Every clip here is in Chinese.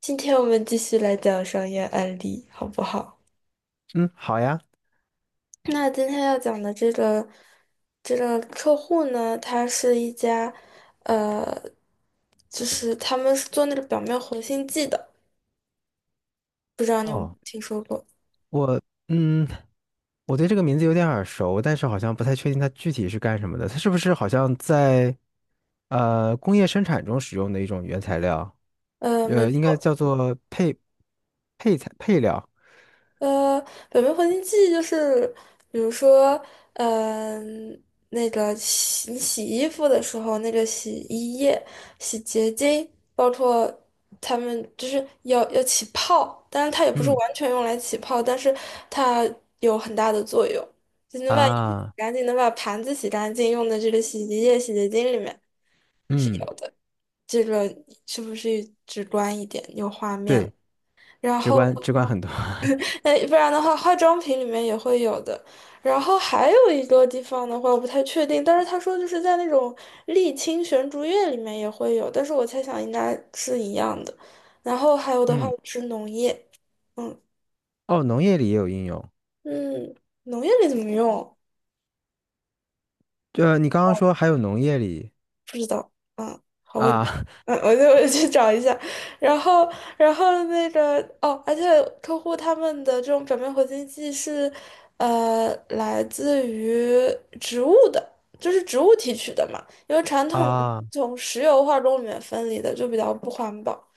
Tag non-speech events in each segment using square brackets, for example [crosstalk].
今天我们继续来讲商业案例，好不好？嗯，好呀。那今天要讲的这个客户呢，他是一家，呃，就是他们是做那个表面活性剂的，不知道你有没有哦，听说过？嗯，我对这个名字有点耳熟，但是好像不太确定它具体是干什么的。它是不是好像在工业生产中使用的一种原材料？没呃，应该错，叫做配配材配料。呃，表面活性剂就是，比如说，嗯、那个你洗衣服的时候，那个洗衣液、洗洁精，包括它们就是要起泡，但是它也不是嗯完全用来起泡，但是它有很大的作用，就能把衣服洗啊，干净，能把盘子洗干净，用的这个洗衣液、洗洁精里面是嗯，有的。这个是不是直观一点，有画面了？对，然直后。观直观很多。[laughs] 哎，不然的话，化妆品里面也会有的。然后还有一个地方的话，我不太确定，但是他说就是在那种沥青悬竹叶里面也会有，但是我猜想应该是一样的。然后还有的话嗯，是农业，嗯。哦，农业里也有应用。嗯，农业里怎么用？呃，你刚刚哦，说还有农业里不知道啊，好问。啊 嗯，我就 [laughs] 我去找一下，然后然后那个，而且客户他们的这种表面活性剂是，呃，来自于植物的，就是植物提取的嘛，因为传 [laughs] 统的啊。从石油化工里面分离的就比较不环保，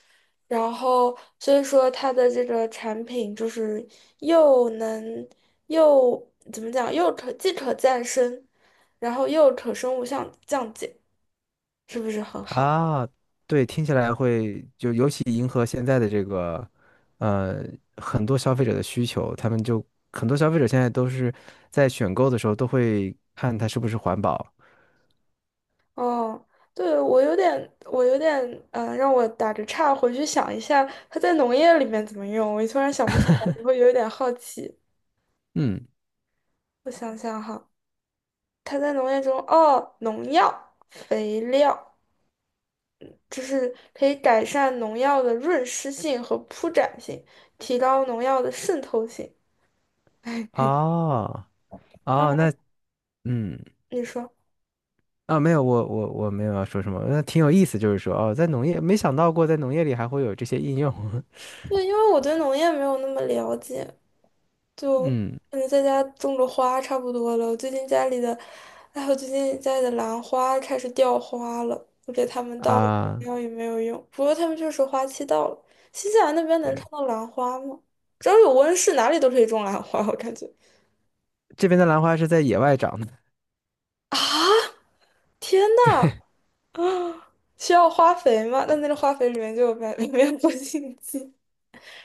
然后所以说它的这个产品就是又能又怎么讲，又可再生，然后又可生物降解。是不是很好？啊，对，听起来会就尤其迎合现在的这个，呃，很多消费者的需求，他们就很多消费者现在都是在选购的时候都会看它是不是环保。哦，对，我有点，让我打着岔，回去想一下它在农业里面怎么用。我突然想不出来，你会有一点好奇。嗯，我想想哈，它在农业中，哦，农药、肥料，就是可以改善农药的润湿性和铺展性，提高农药的渗透性。[laughs] 哦，当哦，然，那嗯你说，啊，没有，我没有要说什么，那挺有意思，就是说哦，在农业没想到过在农业里还会有这些应用。[laughs] 对，因为我对农业没有那么了解，就嗯嗯，在家种种花差不多了。我最近家里的兰花开始掉花了，我给它们倒了肥啊，料也没有用。不过它们确实花期到了。新西兰那边能对，看到兰花吗？只要有温室，哪里都可以种兰花，我感觉。这边的兰花是在野外长的。啊！天呐，啊，需要花肥吗？那那个花肥里面就有白，[laughs] 里面有活性剂，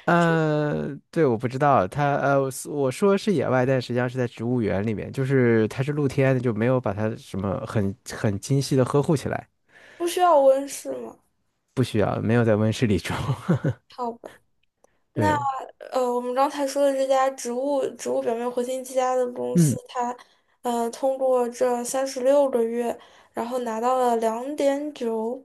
对，我不知道，他，我说是野外，但实际上是在植物园里面，就是它是露天的，就没有把它什么很精细的呵护起来，不需要温室吗？不需要，没有在温室里种。[laughs] 好吧。那。对，呃，我们刚才说的这家植物表面活性剂家的公司，嗯它呃通过这36个月，然后拿到了两点九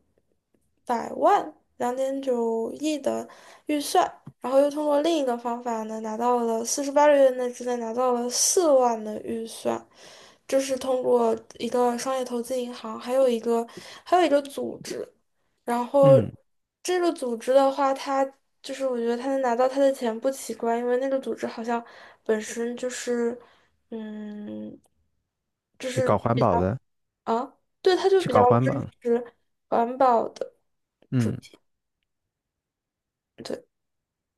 百万、2.9亿的预算，然后又通过另一个方法呢，拿到了四十八个月内之内拿到了4万的预算，这是通过一个商业投资银行，还有一个组织。然后嗯，是这个组织的话，它就是我觉得他能拿到他的钱不奇怪，因为那个组织好像本身就是，嗯，就搞是环比保较。的，啊，对，他就是比较搞环保支的，持环保的，嗯对。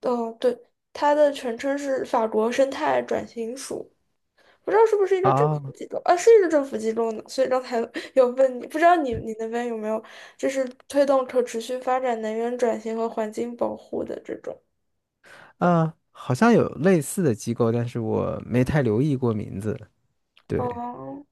哦，对，它的全称是法国生态转型署，不知道是不是一个政府啊机构啊，是一个政府机构呢，所以刚才有问你，不知道你那边有没有就是推动可持续发展、能源转型和环境保护的这种。啊，好像有类似的机构，但是我没太留意过名字。对，哦，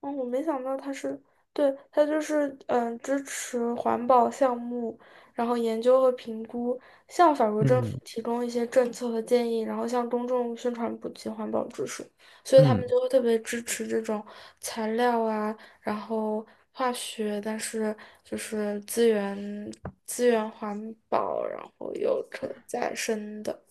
哦，我没想到他是，对，他就是嗯支持环保项目，然后研究和评估，向法国政府嗯提供一些政策和建议，然后向公众宣传普及环保知识，所以他们嗯，就会特别支持这种材料啊，然后化学，但是就是资源环保，然后有可再生的，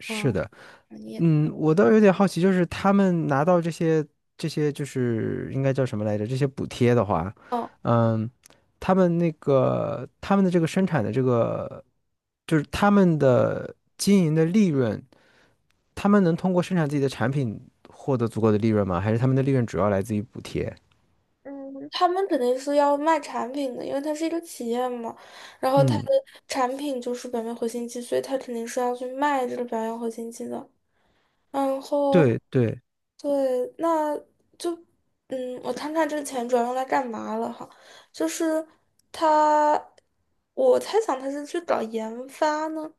是嗯，的。产业。嗯，我倒有点好奇，就是他们拿到这些就是应该叫什么来着？这些补贴的话，嗯，他们的这个生产的这个，就是他们的经营的利润，他们能通过生产自己的产品获得足够的利润吗？还是他们的利润主要来自于补贴？嗯，他们肯定是要卖产品的，因为它是一个企业嘛，然后它的嗯，产品就是表面活性剂，所以它肯定是要去卖这个表面活性剂的。然后，对，对，那就，嗯，我看看这个钱主要用来干嘛了哈，就是它，我猜想它是去搞研发呢。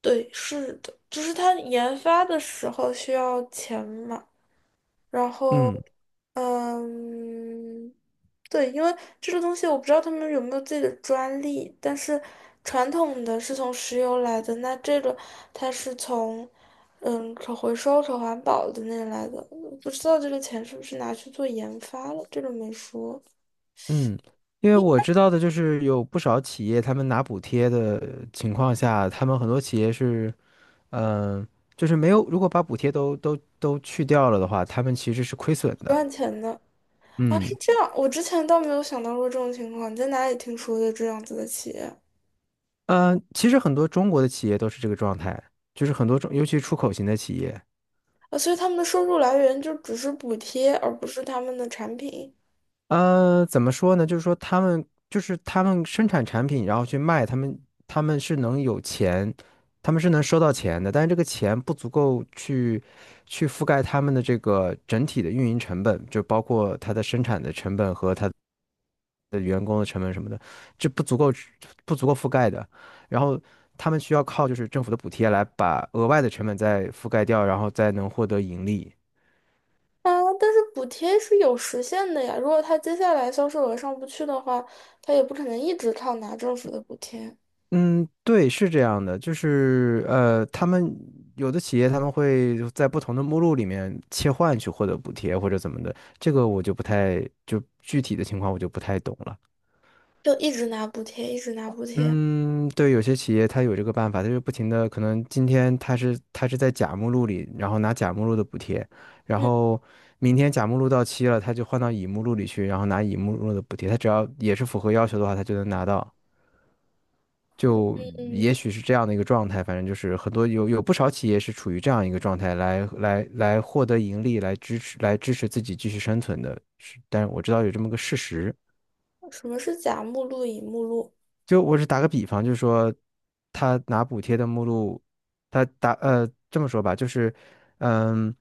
对，是的，就是它研发的时候需要钱嘛。然后，嗯嗯，对，因为这个东西我不知道他们有没有自己的专利，但是传统的是从石油来的，那这个它是从嗯可回收、可环保的那来的，不知道这个钱是不是拿去做研发了，这个没说，嗯，因为我知道的就是有不少企业，他们拿补贴的情况下，他们很多企业是。嗯，就是没有，如果把补贴都去掉了的话，他们其实是亏损不的。赚钱的啊，是嗯，这样，我之前倒没有想到过这种情况，你在哪里听说的这样子的企业呃，其实很多中国的企业都是这个状态，就是很多中，尤其出口型的企业，啊？所以他们的收入来源就只是补贴，而不是他们的产品。呃，怎么说呢？就是说他们生产产品，然后去卖，他们是能有钱，他们是能收到钱的，但是这个钱不足够去覆盖他们的这个整体的运营成本，就包括它的生产的成本和它的员工的成本什么的，这不足够覆盖的。然后他们需要靠就是政府的补贴来把额外的成本再覆盖掉，然后再能获得盈利。啊，但是补贴是有时限的呀。如果他接下来销售额上不去的话，他也不可能一直靠拿政府的补贴，嗯，对，是这样的，就是呃，他们有的企业他们会在不同的目录里面切换去获得补贴或者怎么的，这个我就不太，就具体的情况我就不太懂了。就一直拿补贴，一直拿补贴。嗯，对，有些企业它有这个办法，它就不停的，可能今天它是在甲目录里，然后拿甲目录的补贴，然嗯。后明天甲目录到期了，他就换到乙目录里去，然后拿乙目录的补贴，他只要也是符合要求的话，他就能拿到。就嗯。也许是这样的一个状态，反正就是很多有有不少企业是处于这样一个状态来获得盈利，来支持自己继续生存的。是，但是我知道有这么个事实。嗯。什么是甲目录、乙目录？就我是打个比方，就是说他拿补贴的目录，这么说吧，就是嗯，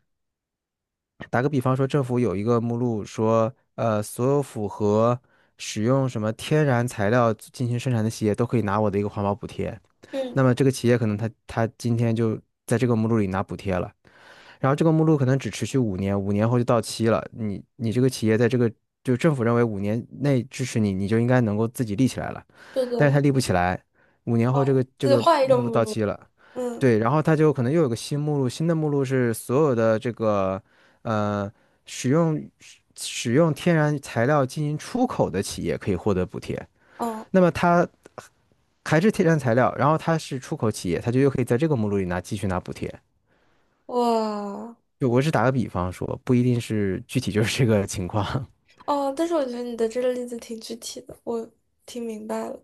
打个比方说，政府有一个目录说，呃，所有符合使用什么天然材料进行生产的企业都可以拿我的一个环保补贴。嗯，那么这个企业可能他今天就在这个目录里拿补贴了。然后这个目录可能只持续五年，五年后就到期了。你这个企业在这个就政府认为五年内支持你，你就应该能够自己立起来了，对但是的，他立不起来，五年后这个这他就个换一个目录目到录。期了，嗯。对，然后他就可能又有个新目录，新的目录是所有的这个呃使用天然材料进行出口的企业可以获得补贴，嗯，那么它还是天然材料，然后它是出口企业，它就又可以在这个目录里继续拿补贴。哇。就我只打个比方说，不一定是具体就是这个情况。哦，但是我觉得你的这个例子挺具体的，我听明白了。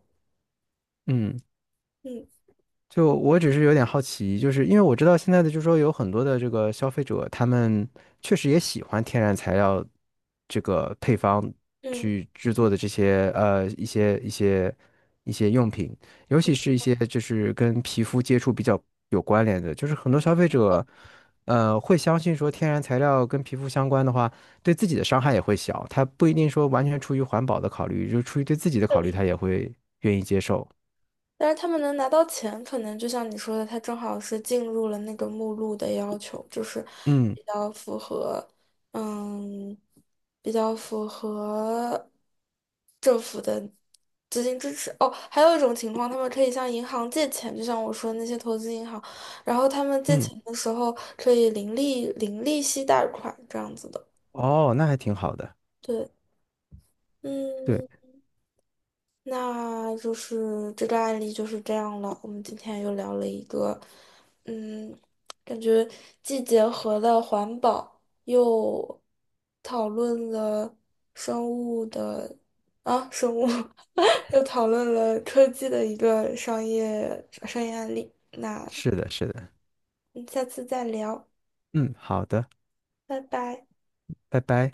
[laughs] 嗯，嗯。就我只是有点好奇，就是因为我知道现在的，就是说有很多的这个消费者，他们确实也喜欢天然材料这个配方嗯。去制作的这些呃一些用品，尤其是一些就是跟皮肤接触比较有关联的，就是很多消费者呃会相信说天然材料跟皮肤相关的话，对自己的伤害也会小，他不一定说完全出于环保的考虑，就出于对自己的考虑，他也会愿意接受。但是他们能拿到钱，可能就像你说的，他正好是进入了那个目录的要求，就是嗯比较符合，嗯，比较符合政府的资金支持。哦，还有一种情况，他们可以向银行借钱，就像我说的那些投资银行，然后他们借嗯。钱的时候可以零利息贷款这样子的。哦，那还挺好的。对，对，嗯。那就是这个案例就是这样了。我们今天又聊了一个，嗯，感觉既结合了环保，又讨论了生物的啊生物，[laughs] 又讨论了科技的一个商业案例。那是的，是的。我们下次再聊，嗯，好的，拜拜。拜拜。